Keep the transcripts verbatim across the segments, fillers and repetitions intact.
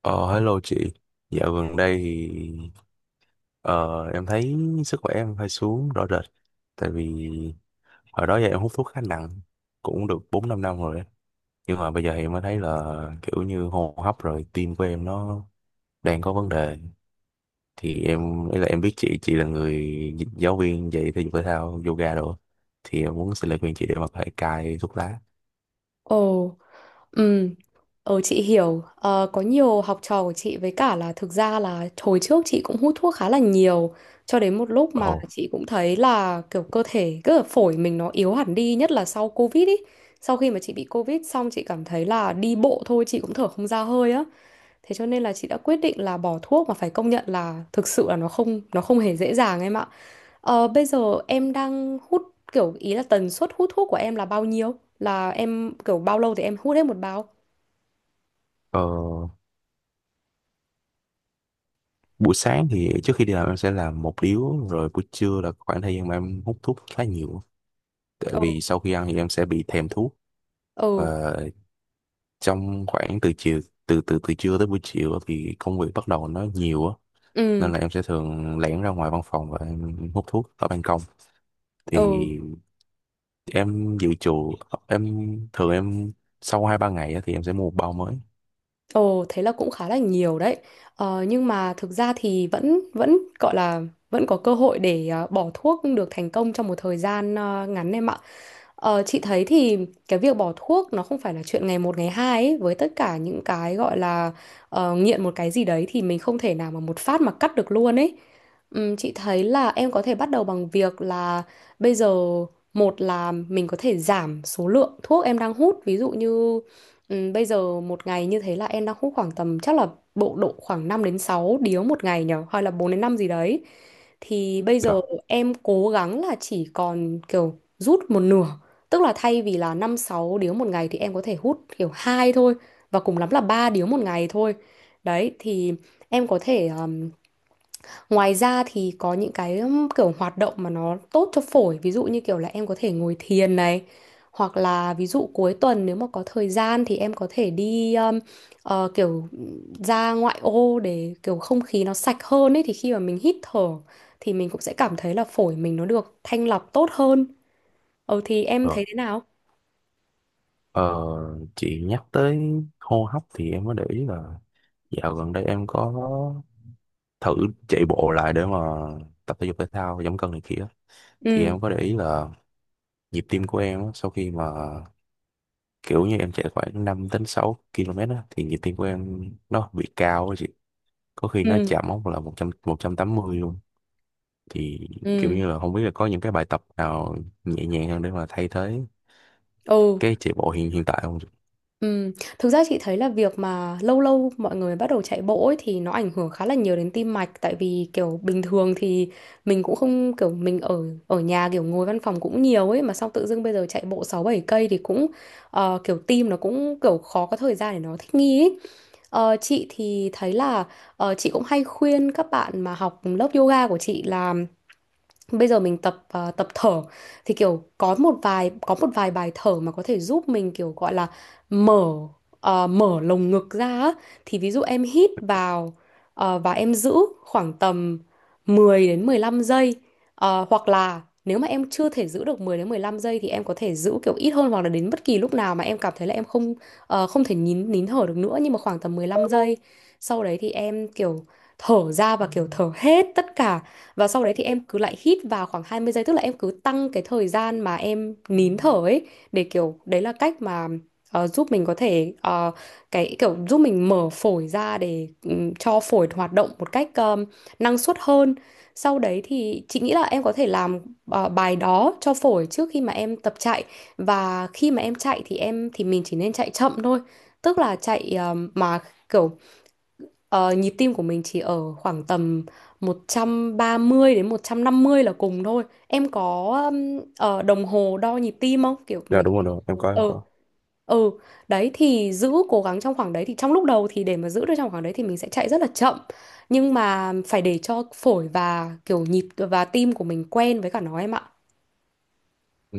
Ờ, Hello chị. Dạo gần đây thì ờ, em thấy sức khỏe em hơi xuống rõ rệt. Tại vì hồi đó giờ em hút thuốc khá nặng, cũng được bốn năm năm rồi. á. Nhưng mà bây giờ thì em mới thấy là kiểu như hô hấp rồi tim của em nó đang có vấn đề. Thì em, ý là em biết chị, chị là người giáo viên dạy thể dục thể thao, yoga đồ. Thì em muốn xin lời khuyên chị để mà có thể cai thuốc lá. Ồ, ừ, ờ chị hiểu. Ờ, có nhiều học trò của chị, với cả là thực ra là hồi trước chị cũng hút thuốc khá là nhiều cho đến một lúc mà Ồ. chị cũng thấy là kiểu cơ thể, cứ là phổi mình nó yếu hẳn đi, nhất là sau Covid ý. Sau khi mà chị bị Covid xong chị cảm thấy là đi bộ thôi chị cũng thở không ra hơi á. Thế cho nên là chị đã quyết định là bỏ thuốc, mà phải công nhận là thực sự là nó không nó không hề dễ dàng em ạ. Ờ, bây giờ em đang hút kiểu, ý là tần suất hút thuốc của em là bao nhiêu? Là em kiểu bao lâu thì em hút hết một bao? ờ, Buổi sáng thì trước khi đi làm em sẽ làm một điếu, rồi buổi trưa là khoảng thời gian mà em hút thuốc khá nhiều, tại Ừ, vì sau khi ăn thì em sẽ bị thèm thuốc. ừ, Và trong khoảng từ chiều từ từ từ trưa tới buổi chiều thì công việc bắt đầu nó nhiều á, ừ, nên là em sẽ thường lẻn ra ngoài văn phòng và em hút thuốc ở ban công. ừ, Thì em dự trù em thường em sau hai ba ngày á thì em sẽ mua một bao mới. ừ, thế là cũng khá là nhiều đấy. Ờ, nhưng mà thực ra thì vẫn vẫn gọi là vẫn có cơ hội để ờ, bỏ thuốc được thành công trong một thời gian ờ, ngắn em ạ. Ờ, chị thấy thì cái việc bỏ thuốc nó không phải là chuyện ngày một ngày hai ấy. Với tất cả những cái gọi là ờ, nghiện một cái gì đấy thì mình không thể nào mà một phát mà cắt được luôn ấy. Ừm, chị thấy là em có thể bắt đầu bằng việc là bây giờ, một là mình có thể giảm số lượng thuốc em đang hút. Ví dụ như ừm, bây giờ một ngày như thế là em đang hút khoảng tầm chắc là bộ độ khoảng năm đến sáu điếu một ngày nhở, hay là bốn đến năm gì đấy. Thì bây giờ Dạ. em cố gắng là chỉ còn kiểu rút một nửa. Tức là thay vì là năm sáu điếu một ngày thì em có thể hút kiểu hai thôi, và cùng lắm là ba điếu một ngày thôi. Đấy, thì em có thể um, ngoài ra thì có những cái um, kiểu hoạt động mà nó tốt cho phổi, ví dụ như kiểu là em có thể ngồi thiền này, hoặc là ví dụ cuối tuần nếu mà có thời gian thì em có thể đi um, ờ, kiểu ra ngoại ô để kiểu không khí nó sạch hơn ấy, thì khi mà mình hít thở thì mình cũng sẽ cảm thấy là phổi mình nó được thanh lọc tốt hơn. Ừ, thì em Ờ, thấy thế nào? Ờ, chị nhắc tới hô hấp thì em mới để ý là dạo gần đây em có thử chạy bộ lại để mà tập thể dục thể thao giảm cân này kia. Thì Ừ. em có để ý là nhịp tim của em á, sau khi mà kiểu như em chạy khoảng năm đến sáu ki lô mét á, thì nhịp tim của em nó bị cao á chị. Có khi nó Ừ, chạm mốc là một một trăm một trăm tám mươi luôn. Thì kiểu ừ, như là không biết là có những cái bài tập nào nhẹ nhàng hơn để mà thay thế ừ, cái chạy bộ hiện hiện tại không chị? ừ. Thực ra chị thấy là việc mà lâu lâu mọi người bắt đầu chạy bộ ấy thì nó ảnh hưởng khá là nhiều đến tim mạch, tại vì kiểu bình thường thì mình cũng không, kiểu mình ở ở nhà kiểu ngồi văn phòng cũng nhiều ấy, mà xong tự dưng bây giờ chạy bộ sáu bảy cây thì cũng ờ, kiểu tim nó cũng kiểu khó có thời gian để nó thích nghi ấy. Ờ, chị thì thấy là ờ, chị cũng hay khuyên các bạn mà học lớp yoga của chị là bây giờ mình tập à, tập thở, thì kiểu có một vài có một vài bài thở mà có thể giúp mình kiểu gọi là mở à, mở lồng ngực ra á. Thì ví dụ em hít vào à, và em giữ khoảng tầm mười đến mười lăm giây. À, hoặc là nếu mà em chưa thể giữ được mười đến mười lăm giây thì em có thể giữ kiểu ít hơn, hoặc là đến bất kỳ lúc nào mà em cảm thấy là em không ờ, không thể nín nín thở được nữa, nhưng mà khoảng tầm mười lăm giây sau đấy thì em kiểu thở ra và kiểu thở hết tất cả, và sau đấy thì em cứ lại hít vào khoảng hai mươi giây, tức là em cứ tăng cái thời gian mà em nín thở ấy, để kiểu đấy là cách mà ờ, giúp mình có thể ờ, cái kiểu giúp mình mở phổi ra để ừm, cho phổi hoạt động một cách ờm, năng suất hơn. Sau đấy thì chị nghĩ là em có thể làm ờ, bài đó cho phổi trước khi mà em tập chạy, và khi mà em chạy thì em thì mình chỉ nên chạy chậm thôi, tức là chạy ờm, mà kiểu, Ờ, nhịp tim của mình chỉ ở khoảng tầm một trăm ba mươi đến một trăm năm mươi là cùng thôi. Em có um, ờ, đồng hồ đo nhịp tim không? Kiểu Dạ mấy cái... đúng rồi, đúng rồi. Em có, em Ừ, có. ừ. Đấy thì giữ cố gắng trong khoảng đấy, thì trong lúc đầu thì để mà giữ được trong khoảng đấy thì mình sẽ chạy rất là chậm. Nhưng mà phải để cho phổi và kiểu nhịp và tim của mình quen với cả nó em ạ.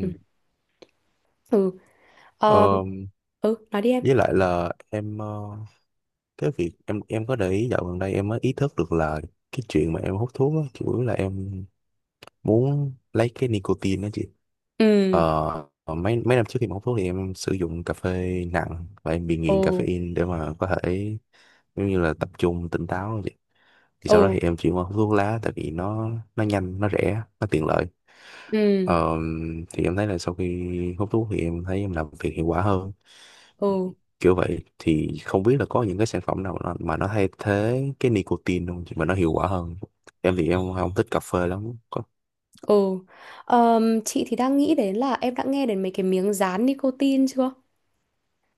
Ừ. Ừ. Ờ, Ờ, ừ, nói đi em. với lại là em, ờ, cái việc em em có để ý dạo gần đây em mới ý thức được là cái chuyện mà em hút thuốc á chủ yếu là em muốn lấy cái nicotine đó chị. Ừ. ờ, mấy mấy năm trước khi mà hút thuốc thì em sử dụng cà phê nặng và em bị nghiện Ừ. caffeine để mà có thể giống như là tập trung tỉnh táo á chị. Thì sau đó Ừ. thì em chuyển qua hút thuốc lá tại vì nó nó nhanh, nó rẻ, nó tiện lợi. Ừ. Ờ, thì em thấy là sau khi hút thuốc thì em thấy em làm việc hiệu quả hơn, Ừ. kiểu vậy. Thì không biết là có những cái sản phẩm nào nó, mà nó thay thế cái nicotine không, mà nó hiệu quả hơn. Em thì em không thích cà phê lắm. có, Ừ. Ờm, chị thì đang nghĩ đến là em đã nghe đến mấy cái miếng dán nicotine chưa?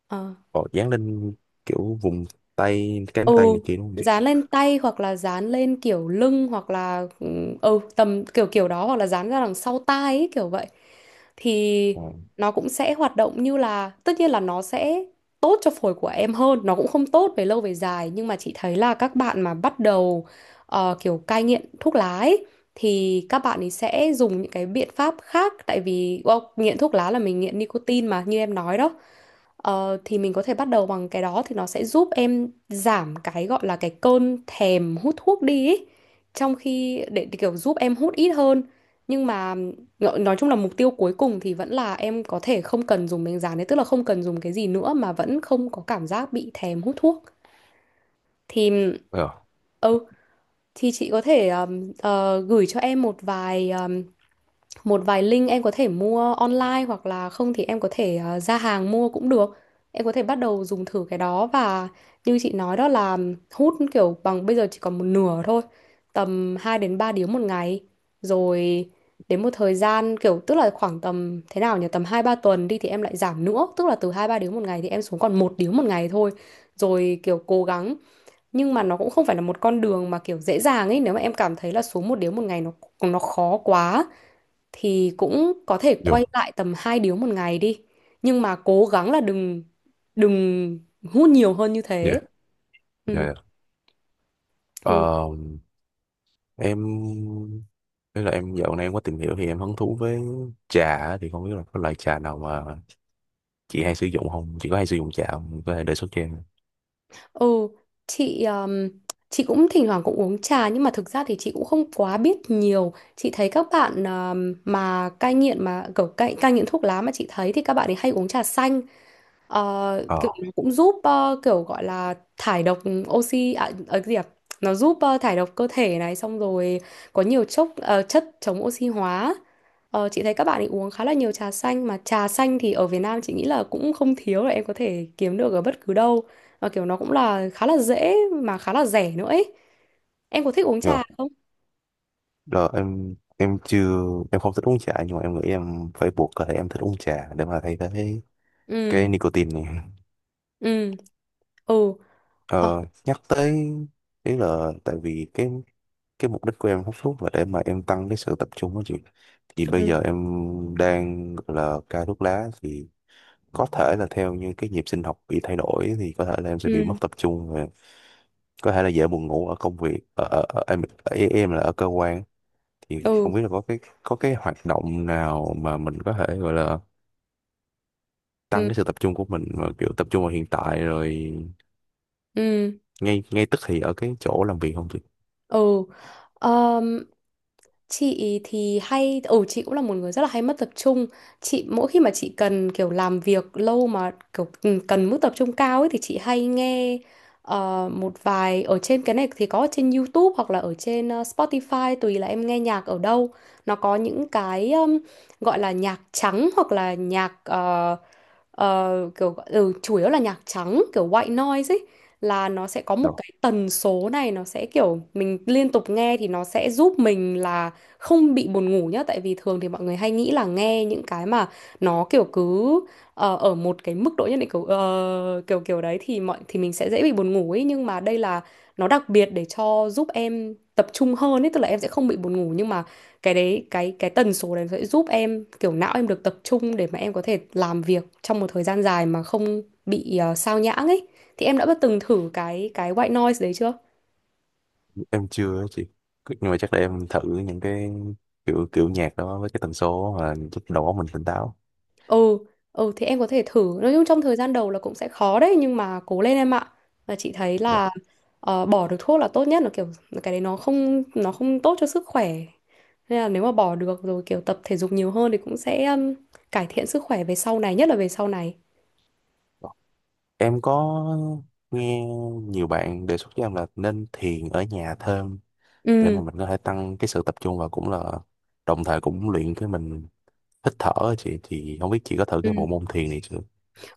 Ờ. có dán lên kiểu vùng tay ừ cánh tay này kia đúng không chị? Dán lên tay, hoặc là dán lên kiểu lưng, hoặc là ừ ừ, tầm kiểu kiểu đó, hoặc là dán ra đằng sau tai ấy, kiểu vậy thì Ờ. nó cũng sẽ hoạt động, như là tất nhiên là nó sẽ tốt cho phổi của em hơn, nó cũng không tốt về lâu về dài, nhưng mà chị thấy là các bạn mà bắt đầu ờ, kiểu cai nghiện thuốc lá ấy, thì các bạn ấy sẽ dùng những cái biện pháp khác, tại vì well, nghiện thuốc lá là mình nghiện nicotine mà như em nói đó. Ờ, thì mình có thể bắt đầu bằng cái đó, thì nó sẽ giúp em giảm cái gọi là cái cơn thèm hút thuốc đi ý. Trong khi để, để kiểu giúp em hút ít hơn, nhưng mà ngọ- nói chung là mục tiêu cuối cùng thì vẫn là em có thể không cần dùng miếng dán đấy, tức là không cần dùng cái gì nữa mà vẫn không có cảm giác bị thèm hút thuốc. Thì Ờ, ừ thì chị có thể ờm, ờ, gửi cho em một vài một vài link em có thể mua online, hoặc là không thì em có thể ờ, ra hàng mua cũng được. Em có thể bắt đầu dùng thử cái đó và như chị nói đó là hút kiểu bằng bây giờ chỉ còn một nửa thôi. Tầm hai đến ba điếu một ngày. Rồi đến một thời gian kiểu, tức là khoảng tầm thế nào nhỉ? Tầm hai ba tuần đi thì em lại giảm nữa, tức là từ hai ba điếu một ngày thì em xuống còn một điếu một ngày thôi. Rồi kiểu cố gắng, nhưng mà nó cũng không phải là một con đường mà kiểu dễ dàng ấy, nếu mà em cảm thấy là xuống một điếu một ngày nó nó khó quá thì cũng có thể Dù, quay lại tầm hai điếu một ngày đi, nhưng mà cố gắng là đừng đừng hút nhiều hơn như thế. dạ, dạ, Ừ, dạ. ừ, Ờ, em Thế là em dạo này em có tìm hiểu thì em hứng thú với trà á. Thì không biết là có loại trà nào mà chị hay sử dụng không? Chị có hay sử dụng trà không? Có thể đề xuất cho em. ừ. chị um, chị cũng thỉnh thoảng cũng uống trà, nhưng mà thực ra thì chị cũng không quá biết nhiều, chị thấy các bạn um, mà cai nghiện, mà kiểu cai cai nghiện thuốc lá, mà chị thấy thì các bạn ấy hay uống trà xanh. Ờ, kiểu Ờ. nó cũng giúp ờ, kiểu gọi là thải độc oxy à, ờ, cái gì à? Nó giúp ờ, thải độc cơ thể này, xong rồi có nhiều chốc ờ, chất chống oxy hóa. Ờ, chị thấy các bạn ấy uống khá là nhiều trà xanh, mà trà xanh thì ở Việt Nam chị nghĩ là cũng không thiếu, là em có thể kiếm được ở bất cứ đâu. Và kiểu nó cũng là khá là dễ mà khá là rẻ nữa ấy. Em có thích uống trà Dạ. không? Rồi em em chưa em không thích uống trà, nhưng mà em nghĩ em phải buộc cơ thể em thích uống trà để mà thay thế Ừ, cái nicotine này. ừ, ừ, ờ, Ờ, nhắc tới ý là tại vì cái cái mục đích của em hút thuốc là để mà em tăng cái sự tập trung đó chị. Thì bây ừ, giờ em đang gọi là cai thuốc lá thì có thể là theo như cái nhịp sinh học bị thay đổi thì có thể là em sẽ bị mất ừ, tập trung và có thể là dễ buồn ngủ ở công việc, ở, ở, ở em ở, em là ở cơ quan. Thì không ừ, biết là có cái có cái hoạt động nào mà mình có thể gọi là tăng ừ, cái sự tập trung của mình mà kiểu tập trung vào hiện tại rồi ừ. ngay ngay tức thì ở cái chỗ làm việc không chị? Ừ. Ờm, chị thì hay, ừ chị cũng là một người rất là hay mất tập trung. Chị mỗi khi mà chị cần kiểu làm việc lâu mà kiểu ừ, cần mức tập trung cao ấy thì chị hay nghe ờ, một vài ở trên cái này thì có ở trên YouTube hoặc là ở trên ờ, Spotify, tùy là em nghe nhạc ở đâu. Nó có những cái um, gọi là nhạc trắng hoặc là nhạc ờ, ờ, kiểu gọi- ừ, chủ yếu là nhạc trắng, kiểu white noise ấy, là nó sẽ có một Rồi, cái tần số này, nó sẽ kiểu mình liên tục nghe thì nó sẽ giúp mình là không bị buồn ngủ nhá. Tại vì thường thì mọi người hay nghĩ là nghe những cái mà nó kiểu cứ ờ, ở một cái mức độ nhất định kiểu ờ, kiểu kiểu đấy thì mọi, thì mình sẽ dễ bị buồn ngủ ấy, nhưng mà đây là nó đặc biệt để cho giúp em tập trung hơn ấy, tức là em sẽ không bị buồn ngủ, nhưng mà cái đấy cái cái tần số đấy sẽ giúp em kiểu não em được tập trung để mà em có thể làm việc trong một thời gian dài mà không bị ờ, sao nhãng ấy. Thì em đã bắt từng thử cái cái white noise đấy chưa? em chưa á chị. Nhưng mà chắc để em thử những cái kiểu kiểu nhạc đó với cái tần số mà giúp đầu óc mình tỉnh táo. Ừ. Ừ, thì em có thể thử, nói chung trong thời gian đầu là cũng sẽ khó đấy, nhưng mà cố lên em ạ. Và chị thấy Rồi. là ờ, bỏ được thuốc là tốt nhất, là kiểu cái đấy nó không nó không tốt cho sức khỏe, nên là nếu mà bỏ được rồi kiểu tập thể dục nhiều hơn thì cũng sẽ um, cải thiện sức khỏe về sau này, nhất là về sau này. Rồi. Em có nghe nhiều bạn đề xuất cho em là nên thiền ở nhà thêm để mà Ừ. mình có thể tăng cái sự tập trung và cũng là đồng thời cũng luyện cái mình hít thở á chị. Thì không biết chị có thử Ừ. cái bộ môn thiền này chưa?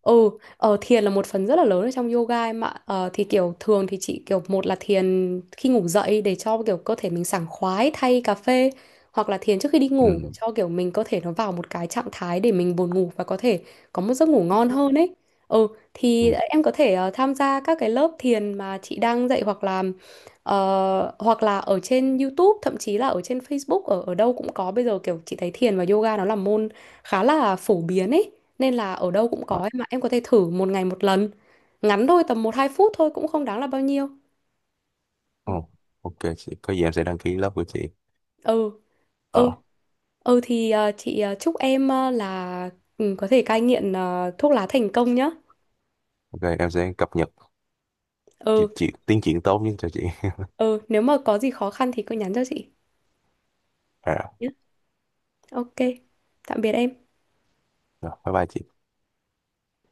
Ừ, ờ, thiền là một phần rất là lớn ở trong yoga em ạ. Ờ, thì kiểu thường thì chị kiểu một là thiền khi ngủ dậy để cho kiểu cơ thể mình sảng khoái thay cà phê, hoặc là thiền trước khi đi ngủ để Ừ, cho kiểu mình cơ thể nó vào một cái trạng thái để mình buồn ngủ và có thể có một giấc ngủ ngon hơn ấy. Ừ, ừ. thì em có thể ờ, tham gia các cái lớp thiền mà chị đang dạy, hoặc là ờ, hoặc là ở trên YouTube, thậm chí là ở trên Facebook, ở ở đâu cũng có bây giờ, kiểu chị thấy thiền và yoga nó là môn khá là phổ biến ấy, nên là ở đâu cũng có ấy, mà em có thể thử một ngày một lần ngắn thôi, tầm một hai phút thôi cũng không đáng là bao nhiêu. Ồ, ok chị, có gì em sẽ đăng ký lớp của chị. Ừ. Ừ. Ờ, Ừ, thì ờ, chị ờ, chúc em ờ, là ừ, có thể cai nghiện ờ, thuốc lá thành công nhá. ok, em sẽ cập nhật Ừ. kịp chị tiến triển tốt nhất cho chị. Ừ, nếu mà có gì khó khăn thì cứ nhắn cho chị À, nhé. Ok. Tạm biệt em. rồi, bye bye chị.